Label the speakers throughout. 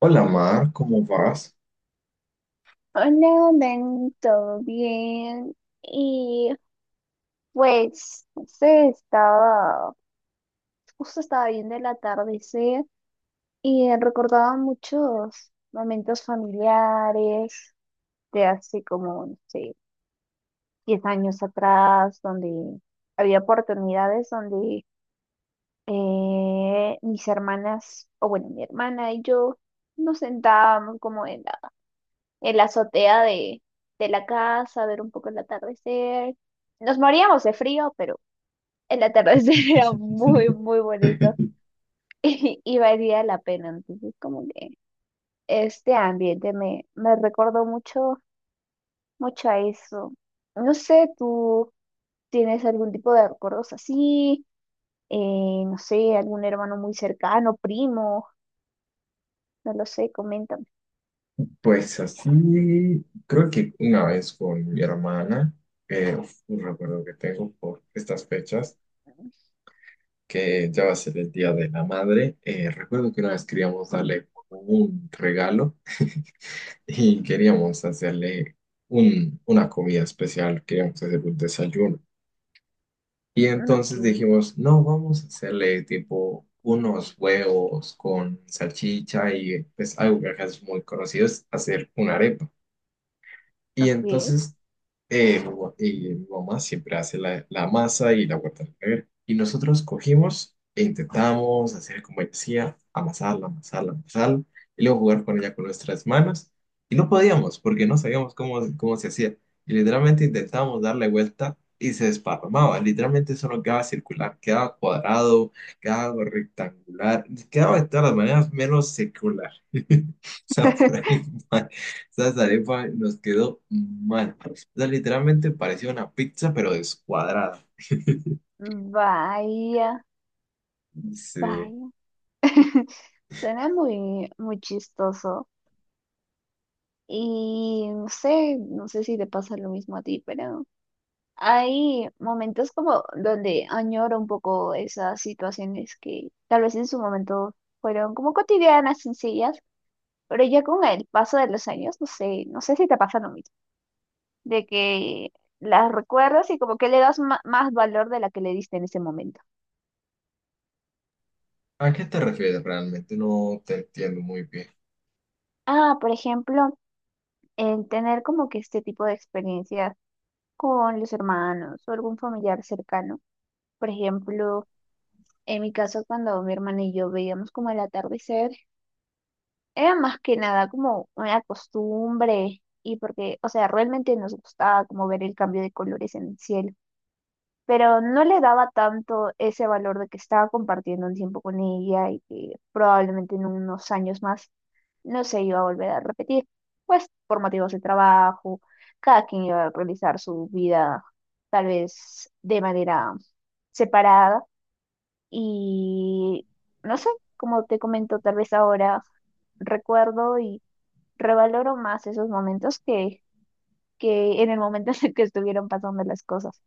Speaker 1: Hola Mar, ¿cómo vas?
Speaker 2: Hola, Dan, ¿todo bien? Y pues, no sé, estaba, justo estaba viendo el atardecer y recordaba muchos momentos familiares de hace como, no sé, 10 años atrás, donde había oportunidades donde mis hermanas, o bueno, mi hermana y yo nos sentábamos como en la azotea de la casa, ver un poco el atardecer. Nos moríamos de frío, pero el atardecer era muy, muy bonito y valía la pena. Entonces, como que este ambiente me recordó mucho a eso. No sé, ¿tú tienes algún tipo de recuerdos así? No sé, algún hermano muy cercano, primo, no lo sé, coméntame.
Speaker 1: Pues así, creo que una vez con mi hermana, un recuerdo que tengo por estas fechas, que ya va a ser el Día de la Madre. Recuerdo que una vez queríamos darle como un regalo y queríamos hacerle una comida especial, queríamos hacer un desayuno. Y
Speaker 2: Ok,
Speaker 1: entonces dijimos, no, vamos a hacerle tipo unos huevos con salchicha, y pues algo que acá es muy conocido es hacer una arepa. Y
Speaker 2: ok.
Speaker 1: entonces y mi mamá siempre hace la masa y la guarda en la nevera. Y nosotros cogimos e intentamos hacer como ella decía, amasarla, amasarla, amasarla, y luego jugar con ella con nuestras manos. Y no podíamos porque no sabíamos cómo se hacía. Y literalmente intentábamos darle vuelta y se desparramaba. Literalmente eso no quedaba circular, quedaba cuadrado, quedaba rectangular, quedaba de todas las maneras menos circular. O sea, por ahí. Mal. Esa arepa nos quedó mal. O sea, literalmente parecía una pizza, pero descuadrada.
Speaker 2: Vaya,
Speaker 1: Sí.
Speaker 2: vaya. Suena muy, muy chistoso. Y no sé, no sé si te pasa lo mismo a ti, pero hay momentos como donde añoro un poco esas situaciones que tal vez en su momento fueron como cotidianas, sencillas, pero ya con el paso de los años, no sé, no sé si te pasa lo mismo, de que las recuerdas y como que le das más valor de la que le diste en ese momento.
Speaker 1: ¿A qué te refieres realmente? No te entiendo muy bien.
Speaker 2: Ah, por ejemplo, el tener como que este tipo de experiencias con los hermanos o algún familiar cercano. Por ejemplo, en mi caso, cuando mi hermana y yo veíamos como el atardecer, era más que nada como una costumbre y porque, o sea, realmente nos gustaba como ver el cambio de colores en el cielo, pero no le daba tanto ese valor de que estaba compartiendo un tiempo con ella y que probablemente en unos años más no se iba a volver a repetir, pues por motivos de trabajo, cada quien iba a realizar su vida tal vez de manera separada y no sé, como te comento, tal vez ahora recuerdo y revaloro más esos momentos que en el momento en el que estuvieron pasando las cosas.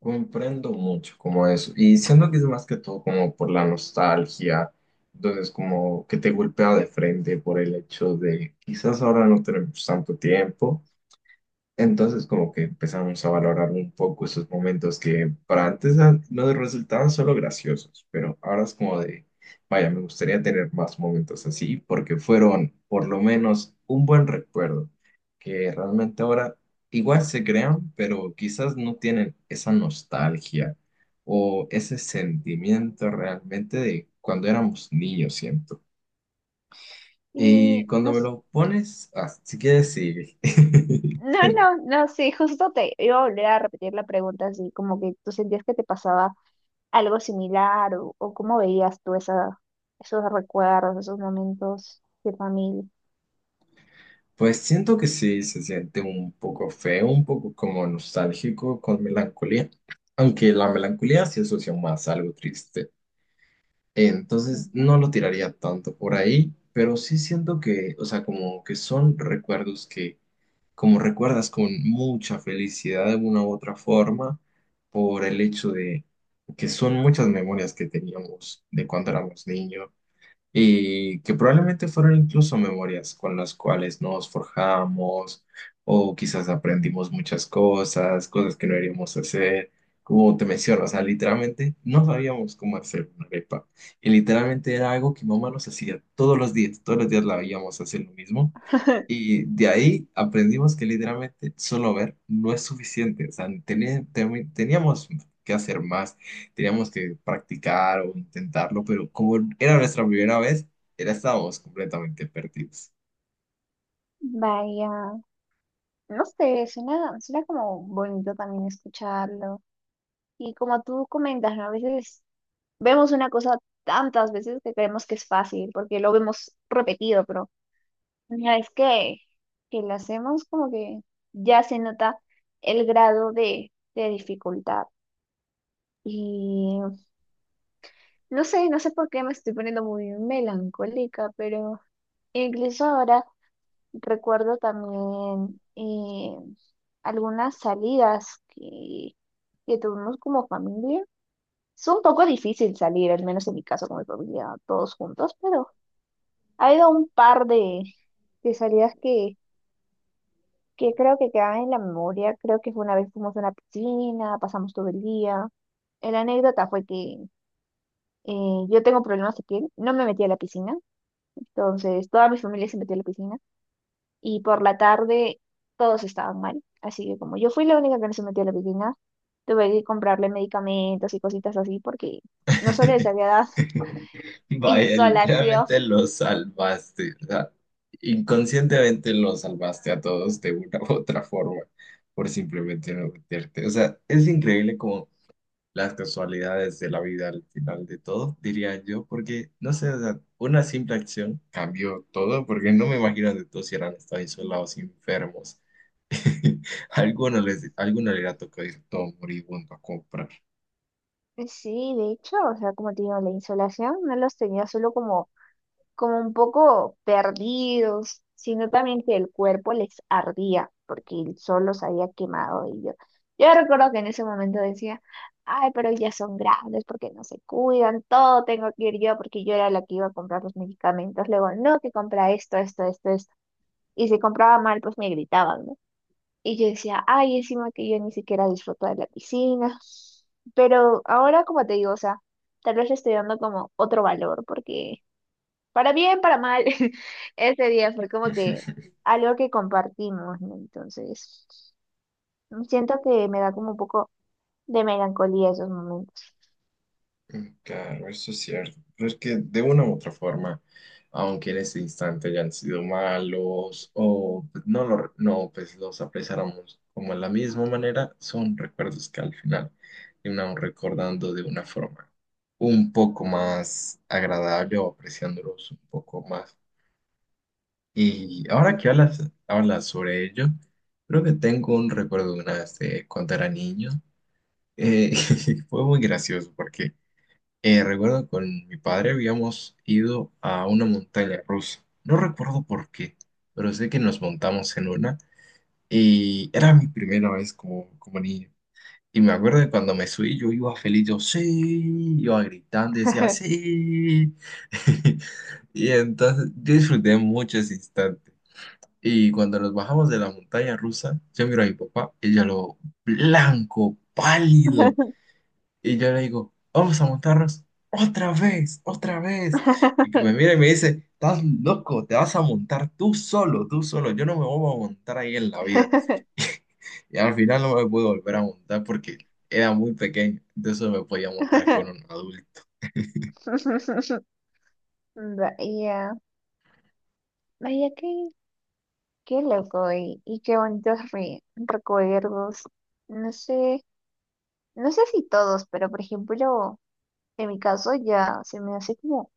Speaker 1: Comprendo mucho como eso. Y siento que es más que todo como por la nostalgia. Entonces, como que te golpea de frente por el hecho de quizás ahora no tenemos tanto tiempo. Entonces como que empezamos a valorar un poco esos momentos que para antes ah, nos resultaban solo graciosos, pero ahora es como de, vaya, me gustaría tener más momentos así porque fueron por lo menos un buen recuerdo, que realmente ahora igual se crean, pero quizás no tienen esa nostalgia o ese sentimiento realmente de cuando éramos niños, siento. Y
Speaker 2: Y
Speaker 1: cuando
Speaker 2: no.
Speaker 1: me lo pones, así que decir,
Speaker 2: No, no, no, sí, justo te iba a volver a repetir la pregunta, así como que tú sentías que te pasaba algo similar o cómo veías tú esa, esos recuerdos, esos momentos de familia.
Speaker 1: Pues siento que sí, se siente un poco feo, un poco como nostálgico con melancolía, aunque la melancolía se asocia más a algo triste. Entonces
Speaker 2: Ujú.
Speaker 1: no lo tiraría tanto por ahí, pero sí siento que, o sea, como que son recuerdos que, como recuerdas con mucha felicidad de una u otra forma, por el hecho de que son muchas memorias que teníamos de cuando éramos niños y que probablemente fueron incluso memorias con las cuales nos forjamos o quizás aprendimos muchas cosas, cosas que no deberíamos hacer. Como te menciono, o sea, literalmente no sabíamos cómo hacer una arepa. Y literalmente era algo que mamá nos hacía todos los días la veíamos hacer lo mismo. Y de ahí aprendimos que literalmente solo ver no es suficiente, o sea, teníamos que hacer más, teníamos que practicar o intentarlo, pero como era nuestra primera vez, era, estábamos completamente perdidos.
Speaker 2: Vaya, no sé, suena, suena como bonito también escucharlo. Y como tú comentas, ¿no? A veces vemos una cosa tantas veces que creemos que es fácil porque lo vemos repetido, pero una vez que lo hacemos, como que ya se nota el grado de dificultad. Y no sé, no sé por qué me estoy poniendo muy melancólica, pero incluso ahora recuerdo también algunas salidas que tuvimos como familia. Es un poco difícil salir, al menos en mi caso con mi familia, todos juntos, pero ha habido un par de salidas que creo que quedan en la memoria. Creo que fue una vez fuimos a una piscina, pasamos todo el día. La anécdota fue que yo tengo problemas de piel, no me metí a la piscina, entonces toda mi familia se metió a la piscina y por la tarde todos estaban mal. Así que como yo fui la única que no se metió a la piscina, tuve que comprarle medicamentos y cositas así porque no solo les había dado
Speaker 1: Vaya,
Speaker 2: insolación.
Speaker 1: literalmente los salvaste, o sea, inconscientemente los salvaste a todos de una u otra forma por simplemente no meterte. O sea, es increíble como las casualidades de la vida al final de todo, diría yo, porque no sé, o sea, una simple acción cambió todo, porque no me imagino de todos si eran estado isolados, enfermos. Alguno les, alguno le ha tocado ir todo moribundo a comprar.
Speaker 2: Sí, de hecho, o sea, como te digo, la insolación no los tenía solo como como un poco perdidos, sino también que el cuerpo les ardía porque el sol los había quemado y yo recuerdo que en ese momento decía, ay, pero ya son grandes porque no se cuidan, todo tengo que ir yo porque yo era la que iba a comprar los medicamentos, luego no, que compra esto, esto, esto, esto, y si compraba mal, pues me gritaban, ¿no? Y yo decía, ay, encima que yo ni siquiera disfruto de la piscina, pero ahora como te digo, o sea, tal vez le estoy dando como otro valor porque para bien, para mal, ese día fue como que algo que compartimos, ¿no? Entonces, siento que me da como un poco de melancolía esos momentos.
Speaker 1: Claro, eso es cierto. Pero es que de una u otra forma, aunque en ese instante hayan sido malos o pues, no, no pues los apreciáramos como de la misma manera, son recuerdos que al final terminamos recordando de una forma un poco más agradable o apreciándolos un poco más. Y ahora que hablas sobre ello, creo que tengo un recuerdo de una vez de cuando era niño. Eh, fue muy gracioso porque recuerdo con mi padre habíamos ido a una montaña rusa. No recuerdo por qué, pero sé que nos montamos en una y era mi primera vez como, como niño. Y me acuerdo de cuando me subí, yo iba feliz, yo sí, iba gritando, decía sí. Y entonces yo disfruté mucho ese instante. Y cuando nos bajamos de la montaña rusa, yo miro a mi papá, y ella lo blanco, pálido. Y yo le digo, vamos a montarnos otra vez, otra vez. Y que me mira y me dice, estás loco, te vas a montar tú solo, tú solo. Yo no me voy a montar ahí en la vida. Y al final no me pude volver a montar porque era muy pequeño. Entonces me podía montar con un adulto.
Speaker 2: Vaya, vaya, qué, qué loco y qué bonitos recuerdos. No sé, no sé si todos, pero por ejemplo, en mi caso ya se me hace como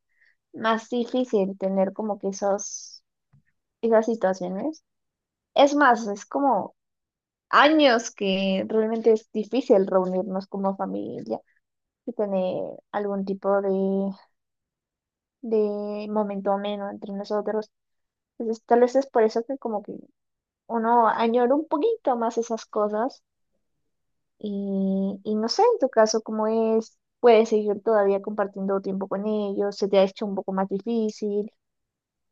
Speaker 2: más difícil tener como que esos esas situaciones. Es más, es como años que realmente es difícil reunirnos como familia y tener algún tipo de momento ameno entre nosotros. Entonces, tal vez es por eso que como que uno añora un poquito más esas cosas y no sé, en tu caso, cómo es, puedes seguir todavía compartiendo tiempo con ellos, se te ha hecho un poco más difícil,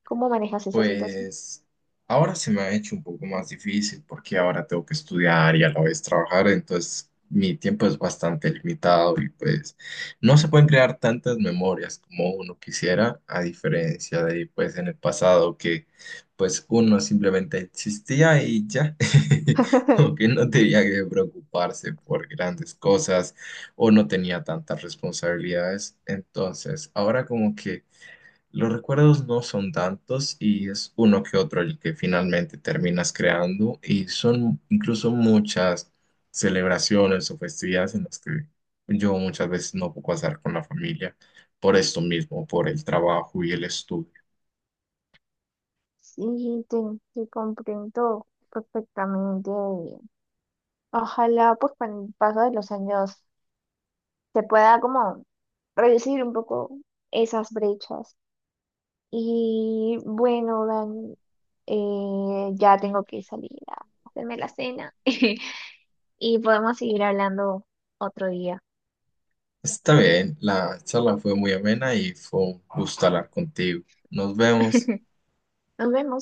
Speaker 2: ¿cómo manejas esa situación?
Speaker 1: Pues ahora se me ha hecho un poco más difícil porque ahora tengo que estudiar y a la vez trabajar, entonces mi tiempo es bastante limitado y pues no se pueden crear tantas memorias como uno quisiera, a diferencia de pues en el pasado que pues uno simplemente existía y ya, como que no tenía que preocuparse por grandes cosas o no tenía tantas responsabilidades, entonces ahora como que los recuerdos no son tantos y es uno que otro el que finalmente terminas creando, y son incluso muchas celebraciones o festividades en las que yo muchas veces no puedo pasar con la familia por esto mismo, por el trabajo y el estudio.
Speaker 2: Sí, te comprendo perfectamente. Ojalá pues con el paso de los años se pueda como reducir un poco esas brechas. Y bueno, Dan, ya tengo que salir a hacerme la cena y podemos seguir hablando otro día.
Speaker 1: Está bien, la charla fue muy amena y fue un gusto hablar contigo. Nos vemos.
Speaker 2: Nos vemos.